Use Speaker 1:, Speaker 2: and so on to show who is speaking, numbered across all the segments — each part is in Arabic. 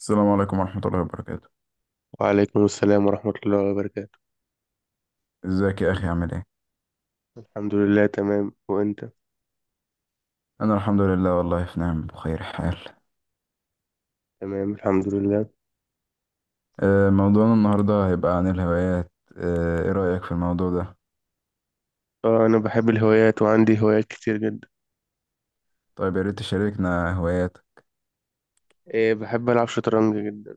Speaker 1: السلام عليكم ورحمة الله وبركاته.
Speaker 2: وعليكم السلام ورحمة الله وبركاته.
Speaker 1: ازيك يا أخي عامل ايه؟
Speaker 2: الحمد لله تمام، وأنت؟
Speaker 1: أنا الحمد لله والله في نعم بخير حال.
Speaker 2: تمام الحمد لله.
Speaker 1: موضوعنا النهاردة هيبقى عن الهوايات. ايه رأيك في الموضوع ده؟
Speaker 2: اه، أنا بحب الهوايات وعندي هوايات كتير جدا.
Speaker 1: طيب يا ريت تشاركنا هواياتك.
Speaker 2: إيه، بحب ألعب شطرنج جدا.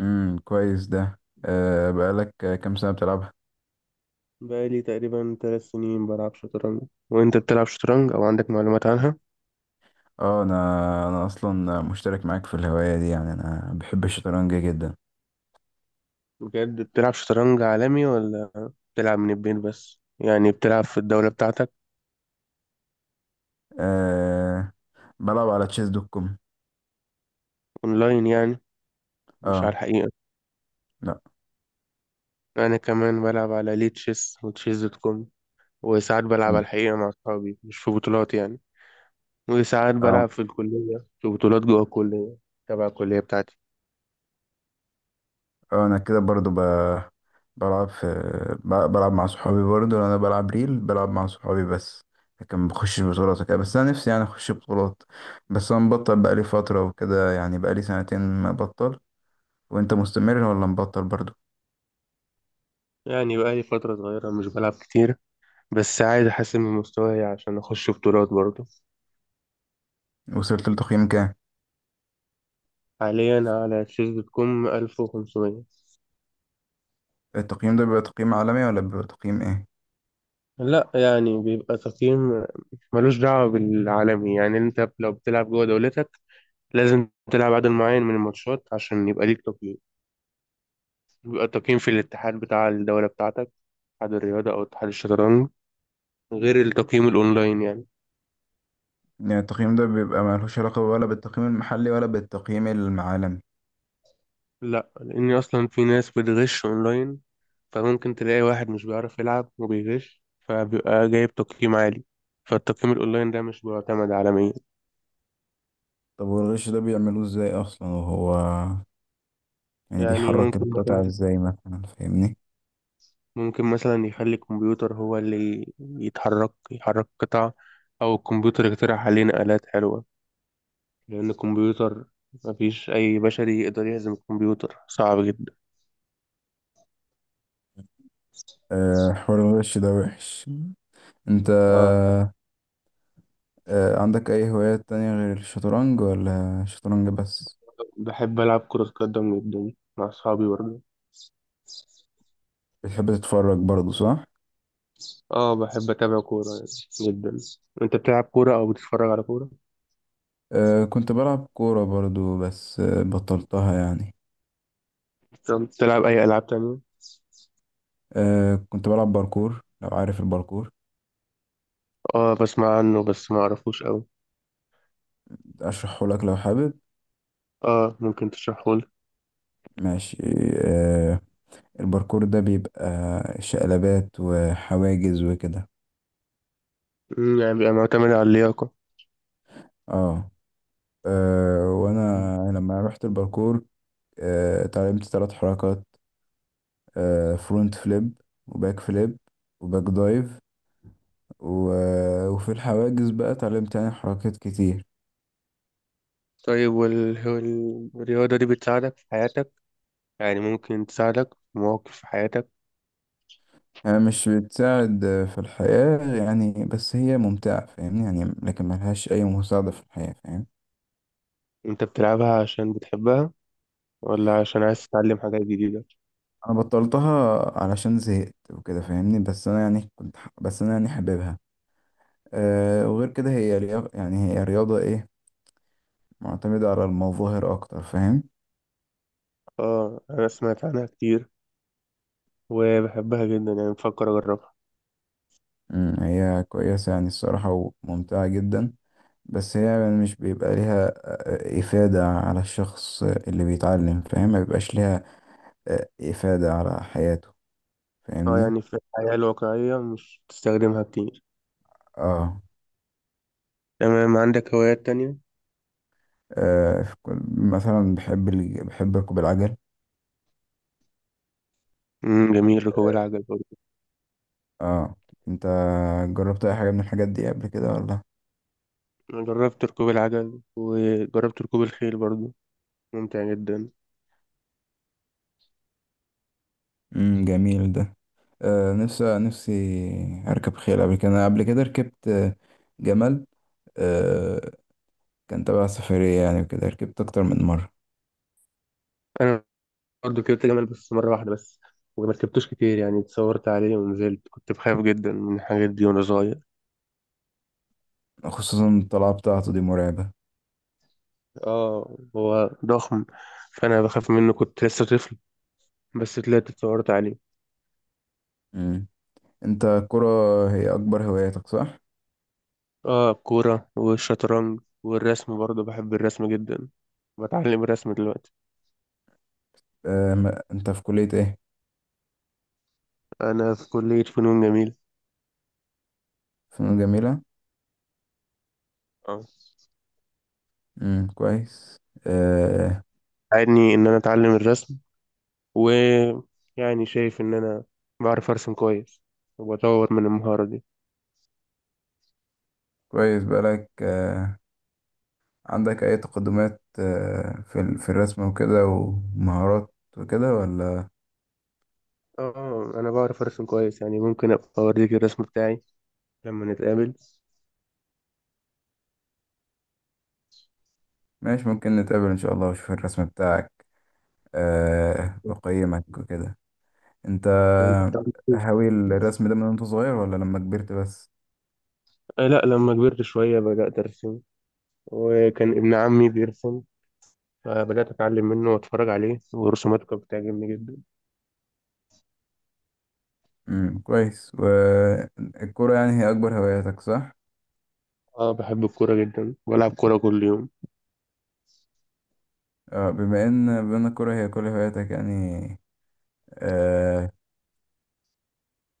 Speaker 1: كويس ده، بقالك كام سنة بتلعبها؟
Speaker 2: بقالي تقريبا 3 سنين بلعب شطرنج. وأنت بتلعب شطرنج أو عندك معلومات عنها؟
Speaker 1: اه، أنا أصلا مشترك معاك في الهواية دي، يعني أنا بحب الشطرنج جدا.
Speaker 2: بجد بتلعب شطرنج عالمي ولا بتلعب من البيت بس يعني بتلعب في الدولة بتاعتك؟
Speaker 1: أه، بلعب على تشيس دوت كوم.
Speaker 2: أونلاين يعني، مش على
Speaker 1: اه.
Speaker 2: الحقيقة.
Speaker 1: لا.
Speaker 2: أنا كمان بلعب على ليه تشيس وتشيس دوت كوم، وساعات بلعب على الحقيقة مع أصحابي مش في بطولات يعني، وساعات
Speaker 1: اه.
Speaker 2: بلعب في الكلية في بطولات جوه الكلية، تبع الكلية بتاعتي.
Speaker 1: اه، انا كده برضو ب... بلعب في ب- بلعب مع صحابي برضو، انا بلعب ريل، بلعب مع صحابي بس، لكن ما بخشش بطولات وكده، بس انا نفسي يعني اخش بطولات، بس انا مبطل بقالي فترة وكده، يعني بقالي سنتين مبطل. وانت مستمر ولا مبطل برضو؟
Speaker 2: يعني بقالي فترة صغيرة مش بلعب كتير، بس عايز أحسن من مستواي عشان أخش بطولات برضه.
Speaker 1: وصلت لتقييم كام؟
Speaker 2: حاليا على تشيز دوت كوم 1500.
Speaker 1: التقييم ده بيبقى تقييم عالمي ولا بيبقى تقييم ايه؟
Speaker 2: لا، يعني بيبقى تقييم ملوش دعوة بالعالمي. يعني أنت لو بتلعب جوه دولتك لازم تلعب عدد معين من الماتشات عشان يبقى ليك تقييم. بيبقى التقييم في الاتحاد بتاع الدولة بتاعتك، اتحاد الرياضة أو اتحاد الشطرنج، غير التقييم الأونلاين يعني.
Speaker 1: يعني التقييم ده بيبقى ملوش علاقة ولا بالتقييم المحلي ولا بالتقييم العالمي؟
Speaker 2: لا، لأن أصلا في ناس بتغش أونلاين، فممكن تلاقي واحد مش بيعرف يلعب وبيغش فبيبقى جايب تقييم عالي، فالتقييم الأونلاين ده مش بيعتمد عالميا.
Speaker 1: طب والغش ده بيعملوه ازاي اصلا وهو، يعني
Speaker 2: يعني ممكن
Speaker 1: بيحرك القطع
Speaker 2: مثلا
Speaker 1: ازاي مثلا، فاهمني؟
Speaker 2: ممكن مثلا يخلي الكمبيوتر هو اللي يتحرك يحرك قطع، أو الكمبيوتر يقترح علينا آلات حلوة، لأن الكمبيوتر مفيش أي بشري يقدر يهزم الكمبيوتر، صعب جدا.
Speaker 1: حوار الغش ده وحش. انت،
Speaker 2: آه،
Speaker 1: عندك اي هوايات تانية غير الشطرنج ولا شطرنج بس؟
Speaker 2: بحب ألعب كرة قدم جدا مع أصحابي برضه.
Speaker 1: بتحب تتفرج برضو صح؟
Speaker 2: اه، بحب اتابع كورة يعني، جدا. انت بتلعب كورة او بتتفرج على كورة؟
Speaker 1: كنت بلعب كورة برضو بس بطلتها يعني.
Speaker 2: طب بتلعب اي العاب تانية؟
Speaker 1: كنت بلعب باركور، لو عارف الباركور.
Speaker 2: اه، بسمع عنه بس ما اعرفوش قوي.
Speaker 1: اشرحه لك لو حابب؟
Speaker 2: اه، ممكن تشرحه لي.
Speaker 1: ماشي. آه، الباركور ده بيبقى شقلبات وحواجز وكده.
Speaker 2: يعني بيبقى معتمد على اللياقة.
Speaker 1: اه، وانا لما رحت الباركور، اتعلمت ثلاث حركات: فرونت فليب، وباك فليب، وباك دايف، و... آه، وفي الحواجز بقى اتعلمت يعني حركات كتير.
Speaker 2: طيب والرياضة دي بتساعدك في حياتك؟ يعني ممكن تساعدك في مواقف في حياتك.
Speaker 1: يعني مش بتساعد في الحياة يعني، بس هي ممتعة فاهمني، يعني لكن ملهاش أي مساعدة في الحياة، فاهم؟
Speaker 2: انت بتلعبها عشان بتحبها ولا عشان عايز تتعلم حاجات جديدة؟
Speaker 1: أنا بطلتها علشان زهقت وكده فاهمني، بس أنا يعني حاببها. أه، وغير كده هي رياضة، يعني هي رياضة إيه، معتمدة على المظاهر أكتر، فاهم؟
Speaker 2: اه، انا سمعت عنها كتير، وبحبها جدا يعني بفكر اجربها.
Speaker 1: مم، هي كويسة يعني الصراحة وممتعة جدا، بس هي يعني مش بيبقى ليها إفادة على الشخص اللي بيتعلم، فاهم؟ ما بيبقاش ليها إفادة على حياته،
Speaker 2: اه،
Speaker 1: فاهمني؟
Speaker 2: يعني في الحياة الواقعية مش بتستخدمها كتير.
Speaker 1: اه،
Speaker 2: تمام، عندك هوايات تانية؟
Speaker 1: مثلا بحب بحب ركوب العجل.
Speaker 2: امم، جميل ركوب
Speaker 1: اه.
Speaker 2: العجل برضه.
Speaker 1: آه. انت جربت اي حاجة من الحاجات دي قبل كده ولا؟
Speaker 2: أنا جربت ركوب العجل وجربت ركوب الخيل برضه، ممتع جدا.
Speaker 1: جميل ده. آه، نفسي اركب خيل قبل كده. أنا قبل كده ركبت جمل، آه، كان تبع سفرية يعني وكده، ركبت اكتر من مرة.
Speaker 2: أنا برضه ركبت جمل بس مرة واحدة بس، وما ركبتوش كتير يعني اتصورت عليه ونزلت، كنت بخاف جدا من الحاجات دي وأنا صغير.
Speaker 1: خصوصا الطلعة بتاعته دي مرعبة.
Speaker 2: اه، هو ضخم فأنا بخاف منه، كنت لسه طفل، بس طلعت اتصورت عليه.
Speaker 1: انت الكرة هي اكبر هواياتك صح؟
Speaker 2: اه، الكورة والشطرنج والرسم برضه، بحب الرسم جدا. بتعلم الرسم دلوقتي.
Speaker 1: انت في كلية ايه؟
Speaker 2: أنا في كلية فنون جميلة.
Speaker 1: فنون جميلة؟
Speaker 2: اه.
Speaker 1: كويس. آه،
Speaker 2: ساعدني إن أنا أتعلم الرسم، ويعني شايف إن أنا بعرف أرسم كويس، وبطور من المهارة دي.
Speaker 1: كويس. بقالك آه، عندك اي تقدمات في في الرسم وكده ومهارات وكده ولا؟
Speaker 2: اه، أنا بعرف أرسم كويس يعني ممكن أبقى أوريك الرسم بتاعي لما نتقابل.
Speaker 1: ماشي، ممكن نتقابل ان شاء الله واشوف الرسم بتاعك، واقيمك وكده. انت
Speaker 2: أنت بتعرف ترسم؟
Speaker 1: هاوي الرسم ده من وانت صغير ولا لما كبرت بس؟
Speaker 2: آه، لا، لما كبرت شوية بدأت أرسم، وكان ابن عمي بيرسم فبدأت أتعلم منه وأتفرج عليه، ورسوماته كانت بتعجبني جدا.
Speaker 1: كويس. والكرة يعني هي اكبر هواياتك صح؟
Speaker 2: اه، بحب الكورة جدا، بلعب كورة كل يوم.
Speaker 1: بما ان الكورة هي كل هواياتك يعني، آه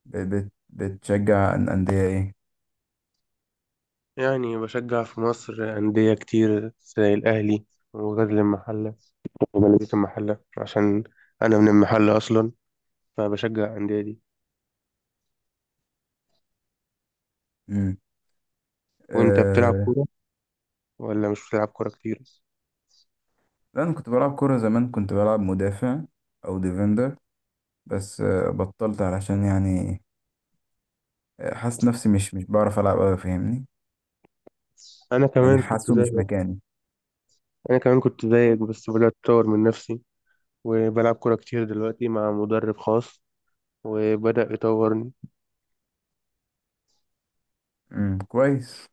Speaker 1: ب- بت بتشجع أندية ايه؟
Speaker 2: يعني بشجع في مصر أندية كتير زي الأهلي وغزل المحلة وبلدية المحلة، عشان أنا من المحلة أصلا، فبشجع الأندية دي.
Speaker 1: مم.
Speaker 2: وأنت بتلعب
Speaker 1: آه.
Speaker 2: كورة ولا مش بتلعب كورة كتير؟
Speaker 1: لا انا كنت بلعب كورة زمان، كنت بلعب مدافع او ديفندر، بس بطلت علشان يعني حاسس نفسي مش بعرف العب أوي، فاهمني؟
Speaker 2: أنا
Speaker 1: يعني
Speaker 2: كمان كنت
Speaker 1: حاسه مش
Speaker 2: زيك
Speaker 1: مكاني.
Speaker 2: أنا كمان كنت زيك بس بدأت أطور من نفسي، وبلعب كورة كتير دلوقتي مع مدرب خاص وبدأ يطورني.
Speaker 1: مم. كويس.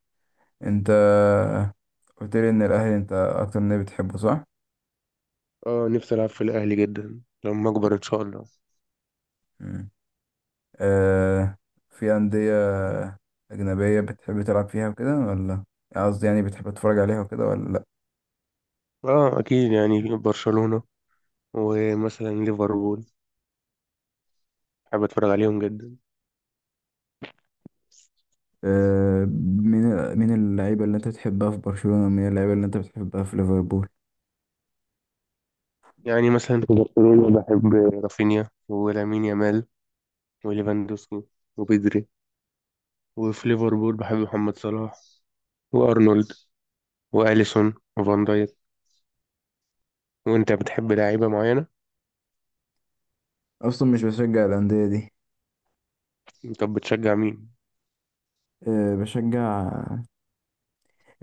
Speaker 1: انت قلت لي ان الاهلي انت اكتر نادي بتحبه صح؟
Speaker 2: اه، نفسي ألعب في الأهلي جدا لما أكبر إن شاء الله.
Speaker 1: مم. آه. في أندية أجنبية بتحب تلعب فيها وكده ولا، قصدي يعني بتحب تتفرج عليها وكده ولا لأ؟
Speaker 2: اه أكيد، يعني برشلونة ومثلا ليفربول، بحب أتفرج عليهم جدا.
Speaker 1: آه، مين اللعيبة اللي انت بتحبها في برشلونة، ومين اللعيبة اللي انت بتحبها في ليفربول؟
Speaker 2: يعني مثلا في برشلونة بحب رافينيا ولامين يامال وليفاندوسكي وبيدري، وفي ليفربول بحب محمد صلاح وأرنولد وأليسون وفان دايك. وأنت بتحب لعيبة معينة؟
Speaker 1: أصلا مش بشجع الأندية دي.
Speaker 2: طب بتشجع مين؟
Speaker 1: بشجع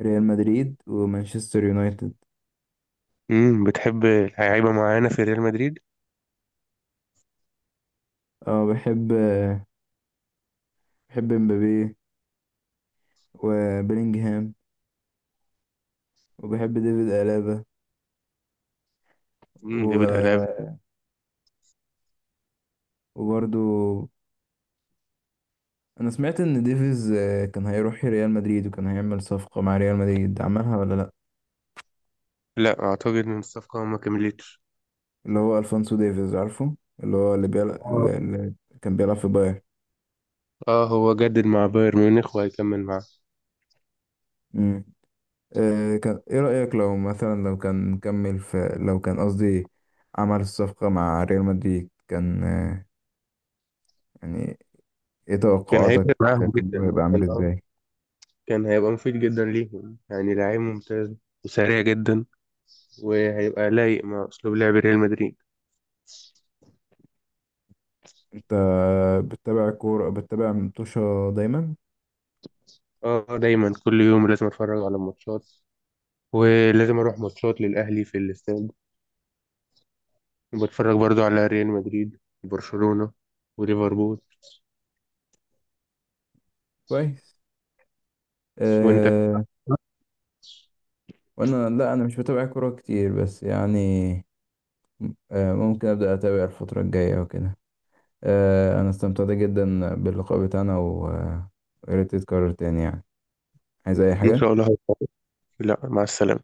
Speaker 1: ريال مدريد ومانشستر يونايتد.
Speaker 2: امم، بتحب لعيبة معينة في ريال مدريد؟
Speaker 1: اه بحب بحب مبابي، وبيلينجهام، وبحب ديفيد ألابا،
Speaker 2: امم، ديفيد ألابا.
Speaker 1: و... وبرضو انا سمعت ان ديفيز كان هيروح ريال مدريد، وكان هيعمل صفقة مع ريال مدريد، عملها ولا لا؟
Speaker 2: لا أعتقد إن الصفقة ما كملتش.
Speaker 1: اللي هو الفونسو ديفيز عارفه، اللي هو اللي بيلعب،
Speaker 2: اه.
Speaker 1: اللي كان بيلعب في بايرن.
Speaker 2: آه، هو جدد مع بايرن ميونخ وهيكمل معاه.
Speaker 1: امم. كان ايه رأيك لو مثلا لو كان كمل في، لو كان قصدي عمل الصفقة مع ريال مدريد، كان يعني ايه
Speaker 2: كان
Speaker 1: توقعاتك،
Speaker 2: هيفرق معاهم
Speaker 1: كان هو
Speaker 2: جدا
Speaker 1: هيبقى
Speaker 2: كان
Speaker 1: عامل ازاي؟
Speaker 2: كان هيبقى مفيد جدا ليهم، يعني لعيب ممتاز وسريع جدا، وهيبقى لايق مع أسلوب لعب ريال مدريد.
Speaker 1: انت بتتابع كورة، بتتابع متوشة دايما؟
Speaker 2: اه، دايما كل يوم لازم أتفرج على الماتشات، ولازم أروح ماتشات للأهلي في الاستاد، وبتفرج برضو على ريال مدريد وبرشلونة وليفربول.
Speaker 1: كويس.
Speaker 2: وانت؟
Speaker 1: أه. وانا لا، انا مش بتابع كورة كتير بس يعني ممكن أبدأ أتابع الفترة الجاية وكده. أنا استمتعت جدا باللقاء بتاعنا، ويا ريت يتكرر تاني يعني. عايز أي
Speaker 2: ان
Speaker 1: حاجة؟
Speaker 2: شاء الله هتفرج. لا، مع السلامة.